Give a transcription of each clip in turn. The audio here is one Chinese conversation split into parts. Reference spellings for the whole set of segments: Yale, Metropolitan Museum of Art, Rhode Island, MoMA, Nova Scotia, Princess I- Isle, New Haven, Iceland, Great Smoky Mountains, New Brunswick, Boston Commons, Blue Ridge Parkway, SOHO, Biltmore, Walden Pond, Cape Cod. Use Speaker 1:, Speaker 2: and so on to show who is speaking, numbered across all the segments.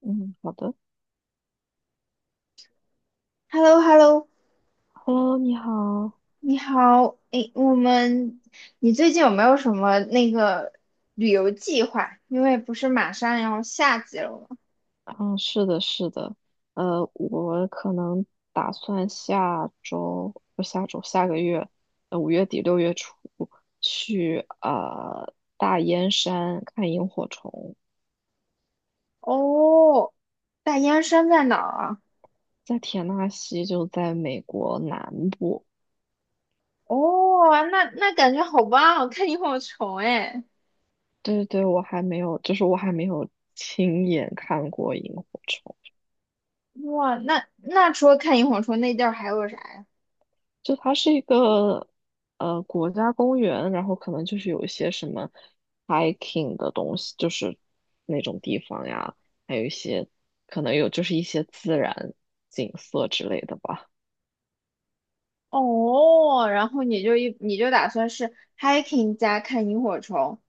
Speaker 1: 嗯，好的。
Speaker 2: h e l l o h e l l o
Speaker 1: Hello，你好。
Speaker 2: 你好。诶，我们，你最近有没有什么那个旅游计划？因为不是马上要夏季了吗？
Speaker 1: 嗯，是的，是的。我可能打算下周，不，下周，下个月，5月底6月初去大燕山看萤火虫，
Speaker 2: 哦，大燕山在哪儿啊？
Speaker 1: 在田纳西，就在美国南部。
Speaker 2: 哦，那感觉好棒哦，看萤火虫哎。
Speaker 1: 对对对，我还没有，就是我还没有亲眼看过萤火虫。
Speaker 2: 哇，那除了看萤火虫，那地儿还有啥呀？
Speaker 1: 就它是一个国家公园，然后可能就是有一些什么 hiking 的东西，就是那种地方呀，还有一些可能有就是一些自然景色之类的吧。
Speaker 2: 哦，然后你就打算是hiking 加看萤火虫？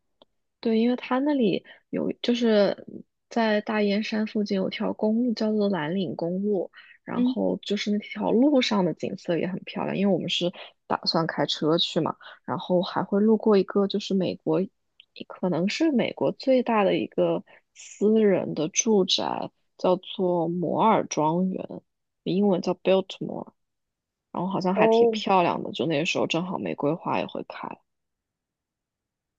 Speaker 1: 对，因为它那里有，就是在大燕山附近有条公路叫做蓝岭公路，然
Speaker 2: 嗯。
Speaker 1: 后就是那条路上的景色也很漂亮，因为我们是打算开车去嘛，然后还会路过一个就是美国，可能是美国最大的一个私人的住宅，叫做摩尔庄园，英文叫 Biltmore，然后好像还挺
Speaker 2: 哦
Speaker 1: 漂亮的，就那时候正好玫瑰花也会开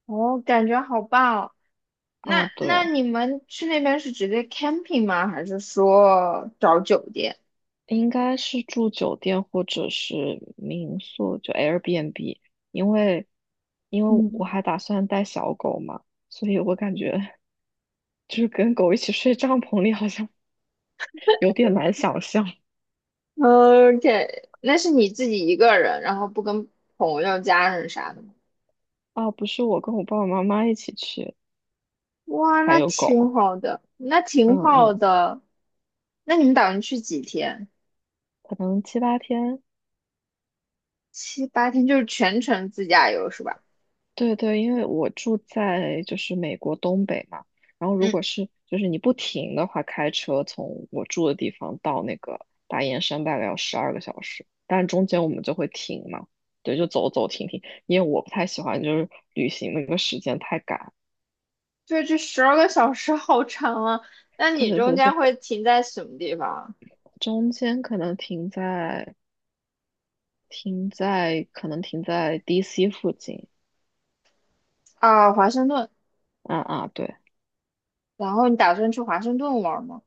Speaker 2: 哦，感觉好棒啊。
Speaker 1: 啊，
Speaker 2: 那
Speaker 1: 对。
Speaker 2: 那你们去那边是直接 camping 吗？还是说找酒店？
Speaker 1: 应该是住酒店或者是民宿，就 Airbnb，因为因为我
Speaker 2: 嗯
Speaker 1: 还打算带小狗嘛，所以我感觉 就是跟狗一起睡帐篷里好像 有点难想象。
Speaker 2: ，OK，那是你自己一个人，然后不跟朋友、家人啥的吗？
Speaker 1: 啊。不是我跟我爸爸妈妈一起去，
Speaker 2: 哇，
Speaker 1: 还
Speaker 2: 那
Speaker 1: 有
Speaker 2: 挺
Speaker 1: 狗。
Speaker 2: 好的，那
Speaker 1: 嗯
Speaker 2: 挺好
Speaker 1: 嗯，
Speaker 2: 的。那你们打算去几天？
Speaker 1: 可能七八天。
Speaker 2: 7、8天，就是全程自驾游是吧？
Speaker 1: 对对，因为我住在就是美国东北嘛，然后如
Speaker 2: 嗯，
Speaker 1: 果是就是你不停的话，开车从我住的地方到那个大雁山大概要12个小时，但中间我们就会停嘛，对，就走走停停，因为我不太喜欢就是旅行那个时间太赶，
Speaker 2: 对，这十二个小时好长啊。那
Speaker 1: 对
Speaker 2: 你
Speaker 1: 对
Speaker 2: 中
Speaker 1: 对，就
Speaker 2: 间会停在什么地方啊？
Speaker 1: 中间可能停在 DC 附近，
Speaker 2: 啊，华盛顿。
Speaker 1: 啊啊，对。
Speaker 2: 然后你打算去华盛顿玩吗？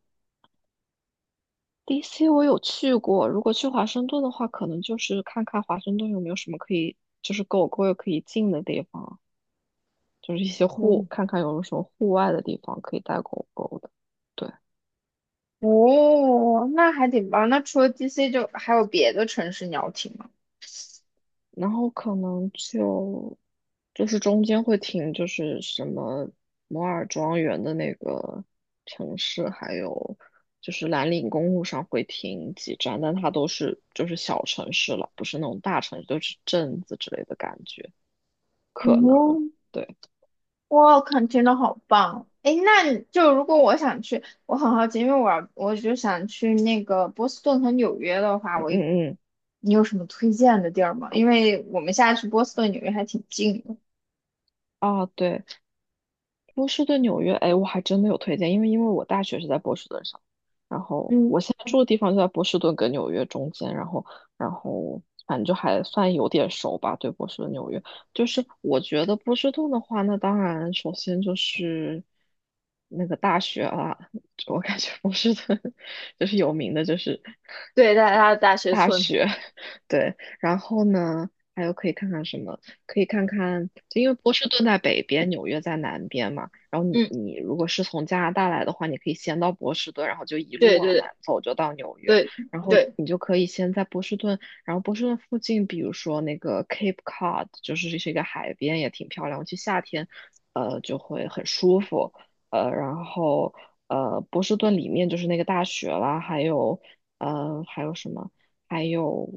Speaker 1: DC 我有去过，如果去华盛顿的话，可能就是看看华盛顿有没有什么可以，就是狗狗也可以进的地方，就是一些户，
Speaker 2: 嗯。
Speaker 1: 看看有没有什么户外的地方可以带狗狗的。对，
Speaker 2: 哦，那还挺棒。那除了 DC，就还有别的城市你要听吗？
Speaker 1: 然后可能就是中间会停，就是什么摩尔庄园的那个城市，还有就是蓝岭公路上会停几站，但它都是就是小城市了，不是那种大城市，都是镇子之类的感觉，可能。
Speaker 2: 哦。
Speaker 1: 对。
Speaker 2: 哇，看真的好棒！诶，那你就如果我想去，我很好奇，因为我就想去那个波士顿和纽约的话，
Speaker 1: 嗯
Speaker 2: 我一
Speaker 1: 嗯。
Speaker 2: 你有什么推荐的地儿吗？因为我们现在去波士顿、纽约还挺近的。
Speaker 1: 啊，对，波士顿、纽约，哎，我还真的有推荐，因为我大学是在波士顿上，然后
Speaker 2: 嗯，
Speaker 1: 我现在住的地方就在波士顿跟纽约中间，然后反正就还算有点熟吧，对波士顿、纽约，就是我觉得波士顿的话，那当然首先就是那个大学啊，我感觉波士顿 就是有名的，就是
Speaker 2: 对，在他的大学
Speaker 1: 大
Speaker 2: 村。
Speaker 1: 学，对，然后呢，还有可以看看什么？可以看看，就因为波士顿在北边，纽约在南边嘛。然后你
Speaker 2: 嗯，
Speaker 1: 你如果是从加拿大来的话，你可以先到波士顿，然后就一路
Speaker 2: 对
Speaker 1: 往
Speaker 2: 对
Speaker 1: 南
Speaker 2: 对
Speaker 1: 走，就到纽约。
Speaker 2: 对
Speaker 1: 然后
Speaker 2: 对。
Speaker 1: 你就可以先在波士顿，然后波士顿附近，比如说那个 Cape Cod，就是是一个海边，也挺漂亮。去夏天，就会很舒服。然后波士顿里面就是那个大学啦，还有还有什么？还有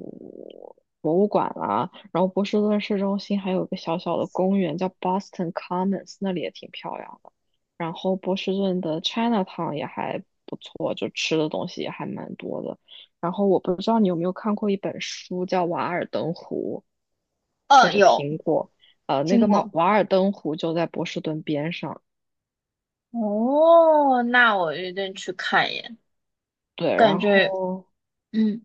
Speaker 1: 博物馆啦、然后波士顿市中心还有一个小小的公园叫 Boston Commons，那里也挺漂亮的。然后波士顿的 Chinatown 也还不错，就吃的东西也还蛮多的。然后我不知道你有没有看过一本书叫《瓦尔登湖》，或
Speaker 2: 嗯，
Speaker 1: 者
Speaker 2: 有
Speaker 1: 听过，那
Speaker 2: 听
Speaker 1: 个马
Speaker 2: 过。
Speaker 1: 瓦尔登湖就在波士顿边上。
Speaker 2: 哦，那我一定去看一眼，
Speaker 1: 对，
Speaker 2: 感
Speaker 1: 然
Speaker 2: 觉
Speaker 1: 后。
Speaker 2: 嗯。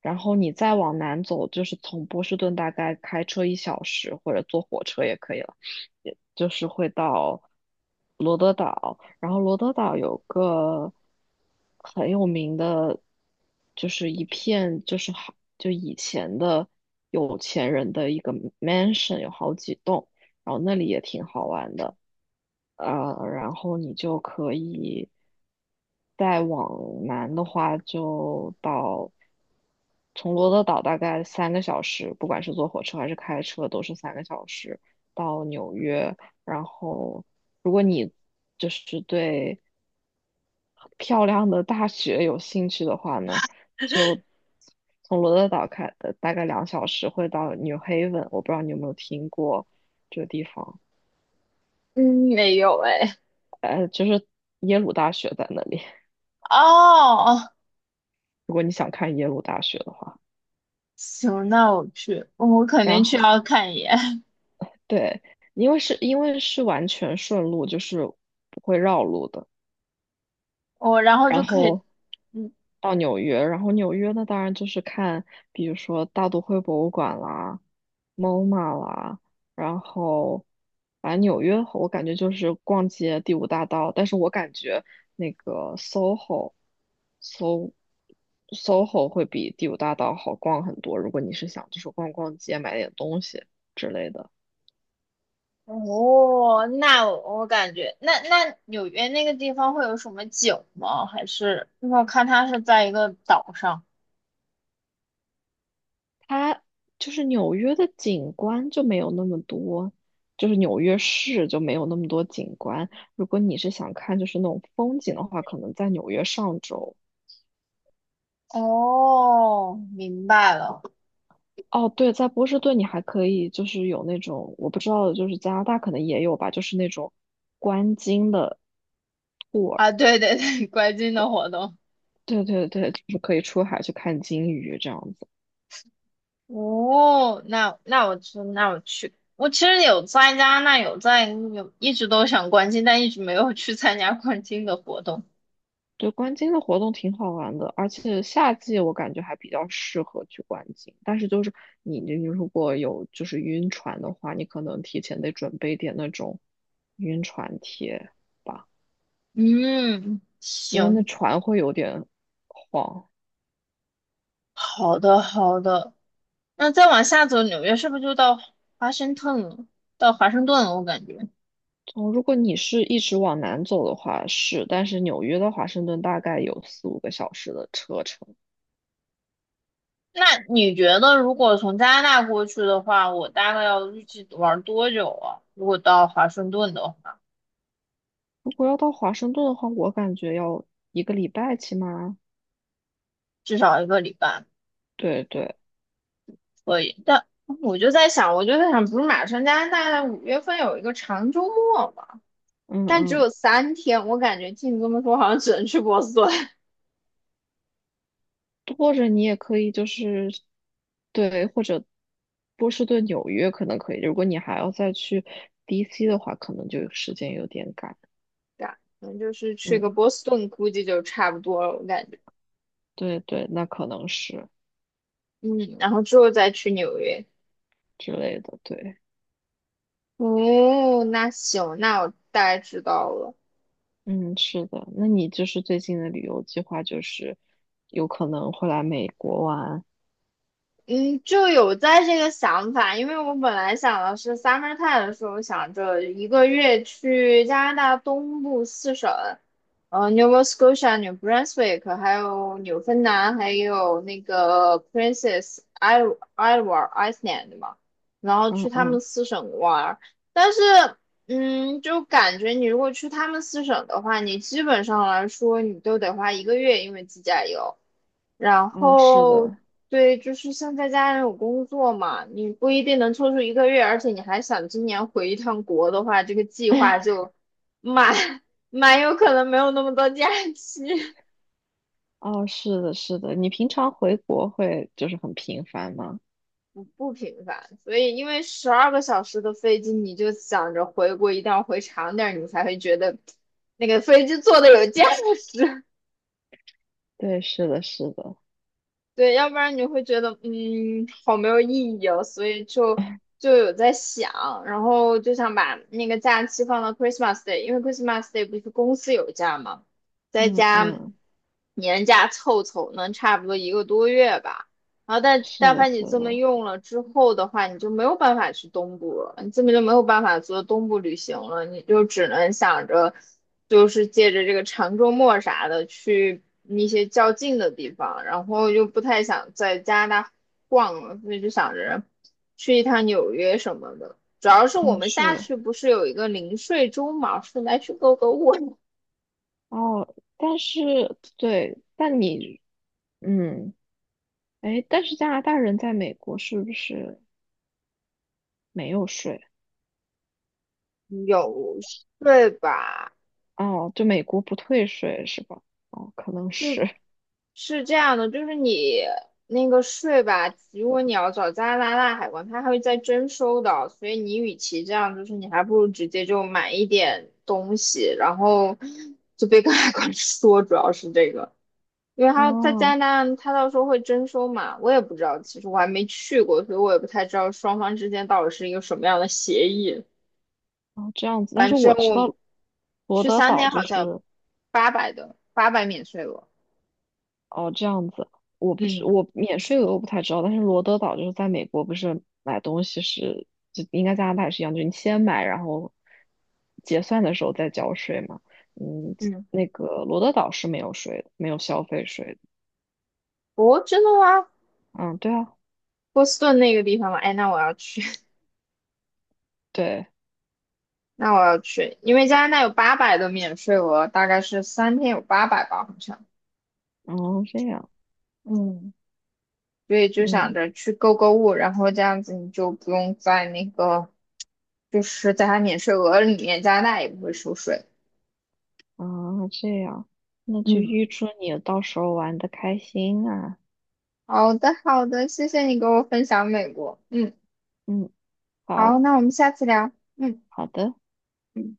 Speaker 1: 然后你再往南走，就是从波士顿大概开车一小时，或者坐火车也可以了，也就是会到罗德岛。然后罗德岛有个很有名的，就是一片就是好就以前的有钱人的一个 mansion，有好几栋，然后那里也挺好玩的。然后你就可以再往南的话，就到。从罗德岛大概三个小时，不管是坐火车还是开车，都是三个小时到纽约。然后就是对漂亮的大学有兴趣的话呢，就从罗德岛开的大概2小时会到 New Haven，我不知道你有没有听过这个地方，
Speaker 2: 嗯，没有哎。
Speaker 1: 就是耶鲁大学在那里。
Speaker 2: 哦，
Speaker 1: 如果你想看耶鲁大学的话，
Speaker 2: 行，那我去，我肯
Speaker 1: 然
Speaker 2: 定去
Speaker 1: 后
Speaker 2: 要看一眼。
Speaker 1: 对，因为是因为是完全顺路，就是不会绕路的。
Speaker 2: 我然后
Speaker 1: 然
Speaker 2: 就可以。
Speaker 1: 后
Speaker 2: 嗯。
Speaker 1: 到纽约，然后纽约呢，当然就是看，比如说大都会博物馆啦、MoMA 啦，然后反正纽约我感觉就是逛街第五大道，但是我感觉那个 SOHO、So SOHO 会比第五大道好逛很多，如果你是想就是逛逛街、买点东西之类的。
Speaker 2: 哦，那我我感觉，那纽约那个地方会有什么景吗？还是因为我看它是在一个岛上。
Speaker 1: 它就是纽约的景观就没有那么多，就是纽约市就没有那么多景观。如果你是想看就是那种风景的话，可能在纽约上州。
Speaker 2: 哦，明白了。
Speaker 1: 哦，对，在波士顿你还可以就是有那种我不知道，就是加拿大可能也有吧，就是那种观鲸的 tour。
Speaker 2: 啊，对对对，观鲸的活动。
Speaker 1: 对对对，就是可以出海去看鲸鱼这样子。
Speaker 2: 哦，那我去，那我去。我其实有参加那有在有一直都想观鲸，但一直没有去参加观鲸的活动。
Speaker 1: 对，观鲸的活动挺好玩的，而且夏季我感觉还比较适合去观鲸。但是就是你如果有就是晕船的话，你可能提前得准备点那种晕船贴吧，
Speaker 2: 嗯，
Speaker 1: 因为那
Speaker 2: 行。
Speaker 1: 船会有点晃。
Speaker 2: 好的好的。那再往下走，纽约是不是就到华盛顿了？到华盛顿了，我感觉。
Speaker 1: 哦，如果你是一直往南走的话是，但是纽约到华盛顿大概有四五个小时的车程。
Speaker 2: 那你觉得，如果从加拿大过去的话，我大概要预计玩多久啊？如果到华盛顿的话，
Speaker 1: 如果要到华盛顿的话，我感觉要一个礼拜起码。
Speaker 2: 至少1个礼拜
Speaker 1: 对对，
Speaker 2: 可以。但我就在想，不是马上加拿大5月份有一个长周末嘛？
Speaker 1: 嗯
Speaker 2: 但只
Speaker 1: 嗯。
Speaker 2: 有三天，我感觉听你这么说，好像只能去波士顿。
Speaker 1: 或者你也可以就是，对，或者波士顿、纽约可能可以。如果你还要再去 DC 的话，可能就时间有点赶。
Speaker 2: 对啊，可能就是去个
Speaker 1: 嗯，
Speaker 2: 波士顿，估计就差不多了，我感觉。
Speaker 1: 对对，那可能是
Speaker 2: 嗯，然后之后再去纽约。
Speaker 1: 之类的。对，
Speaker 2: 哦，那行，那我大概知道了。
Speaker 1: 嗯，是的。那你就是最近的旅游计划就是有可能会来美国玩。
Speaker 2: 嗯，就有在这个想法，因为我本来想的是 summer time 的时候，想着一个月去加拿大东部四省，Nova Scotia、New Brunswick，还有纽芬兰，还有那个 Princess Isle、Iceland 嘛，然后
Speaker 1: 嗯
Speaker 2: 去他
Speaker 1: 嗯，
Speaker 2: 们四省玩儿。但是，嗯，就感觉你如果去他们四省的话，你基本上来说，你都得花一个月，因为自驾游。然
Speaker 1: 哦，是
Speaker 2: 后
Speaker 1: 的，
Speaker 2: 对，就是现在家人有工作嘛，你不一定能抽出一个月，而且你还想今年回一趟国的话，这个计划就蛮 蛮有可能没有那么多假期。
Speaker 1: 哦，是的，是的。你平常回国会就是很频繁吗？
Speaker 2: 不频繁。所以，因为十二个小时的飞机，你就想着回国一定要回长点儿，你才会觉得那个飞机坐的有价值。
Speaker 1: 对，是的，是的。
Speaker 2: 对，要不然你会觉得，嗯，好没有意义哦，所以就有在想，然后就想把那个假期放到 Christmas Day，因为 Christmas Day 不是公司有假嘛，再
Speaker 1: 嗯
Speaker 2: 加
Speaker 1: 嗯，
Speaker 2: 年假凑凑，能差不多1个多月吧。然后但
Speaker 1: 是
Speaker 2: 但
Speaker 1: 的，
Speaker 2: 凡你
Speaker 1: 是
Speaker 2: 这么
Speaker 1: 的。
Speaker 2: 用了之后的话，你就没有办法去东部了，你根本就没有办法做东部旅行了，你就只能想着，就是借着这个长周末啥的去一些较近的地方，然后又不太想在加拿大逛了，所以就想着去一趟纽约什么的。主要是我
Speaker 1: 嗯，
Speaker 2: 们下
Speaker 1: 是。
Speaker 2: 去不是有一个零税州嘛，是来去购物。
Speaker 1: 哦，但是对，但你嗯，哎，但是加拿大人在美国是不是没有税？
Speaker 2: 有税吧？
Speaker 1: 哦，就美国不退税是吧？哦，可能
Speaker 2: 就
Speaker 1: 是，
Speaker 2: 是这样的，就是你那个税吧，如果你要找加拿大海关，他还会再征收的，所以你与其这样，就是你还不如直接就买一点东西，然后就别跟海关 说，主要是这个，因为 他在加
Speaker 1: 哦，
Speaker 2: 拿大，他到时候会征收嘛，我也不知道，其实我还没去过，所以我也不太知道双方之间到底是一个什么样的协议。
Speaker 1: 哦，这样子。但
Speaker 2: 反
Speaker 1: 是
Speaker 2: 正
Speaker 1: 我知
Speaker 2: 我
Speaker 1: 道罗
Speaker 2: 去
Speaker 1: 德
Speaker 2: 三
Speaker 1: 岛
Speaker 2: 天好
Speaker 1: 就
Speaker 2: 像
Speaker 1: 是，
Speaker 2: 八百的，八百免税额。
Speaker 1: 哦，这样子，我不是
Speaker 2: 嗯
Speaker 1: 我免税额我不太知道，但是罗德岛就是在美国，不是买东西是就应该加拿大也是一样，就是你先买，然后结算的时候再交税嘛。嗯，
Speaker 2: 嗯。
Speaker 1: 那个罗德岛是没有税的，没有消费税的。
Speaker 2: 哦，真的吗？
Speaker 1: 嗯，对啊，
Speaker 2: 波士顿那个地方吗？哎，那我要去。
Speaker 1: 对，
Speaker 2: 那我要去，因为加拿大有八百的免税额，大概是三天有八百吧，好像。
Speaker 1: 哦，这样，
Speaker 2: 嗯，所以就想
Speaker 1: 嗯，
Speaker 2: 着去购物，然后这样子你就不用在那个，就是在它免税额里面，加拿大也不会收税。
Speaker 1: 啊，这样，那就
Speaker 2: 嗯，
Speaker 1: 预祝你到时候玩的开心啊。
Speaker 2: 好的，好的，谢谢你给我分享美国。嗯，
Speaker 1: 嗯，
Speaker 2: 好，
Speaker 1: 好，
Speaker 2: 那我们下次聊。嗯。
Speaker 1: 好的。
Speaker 2: 嗯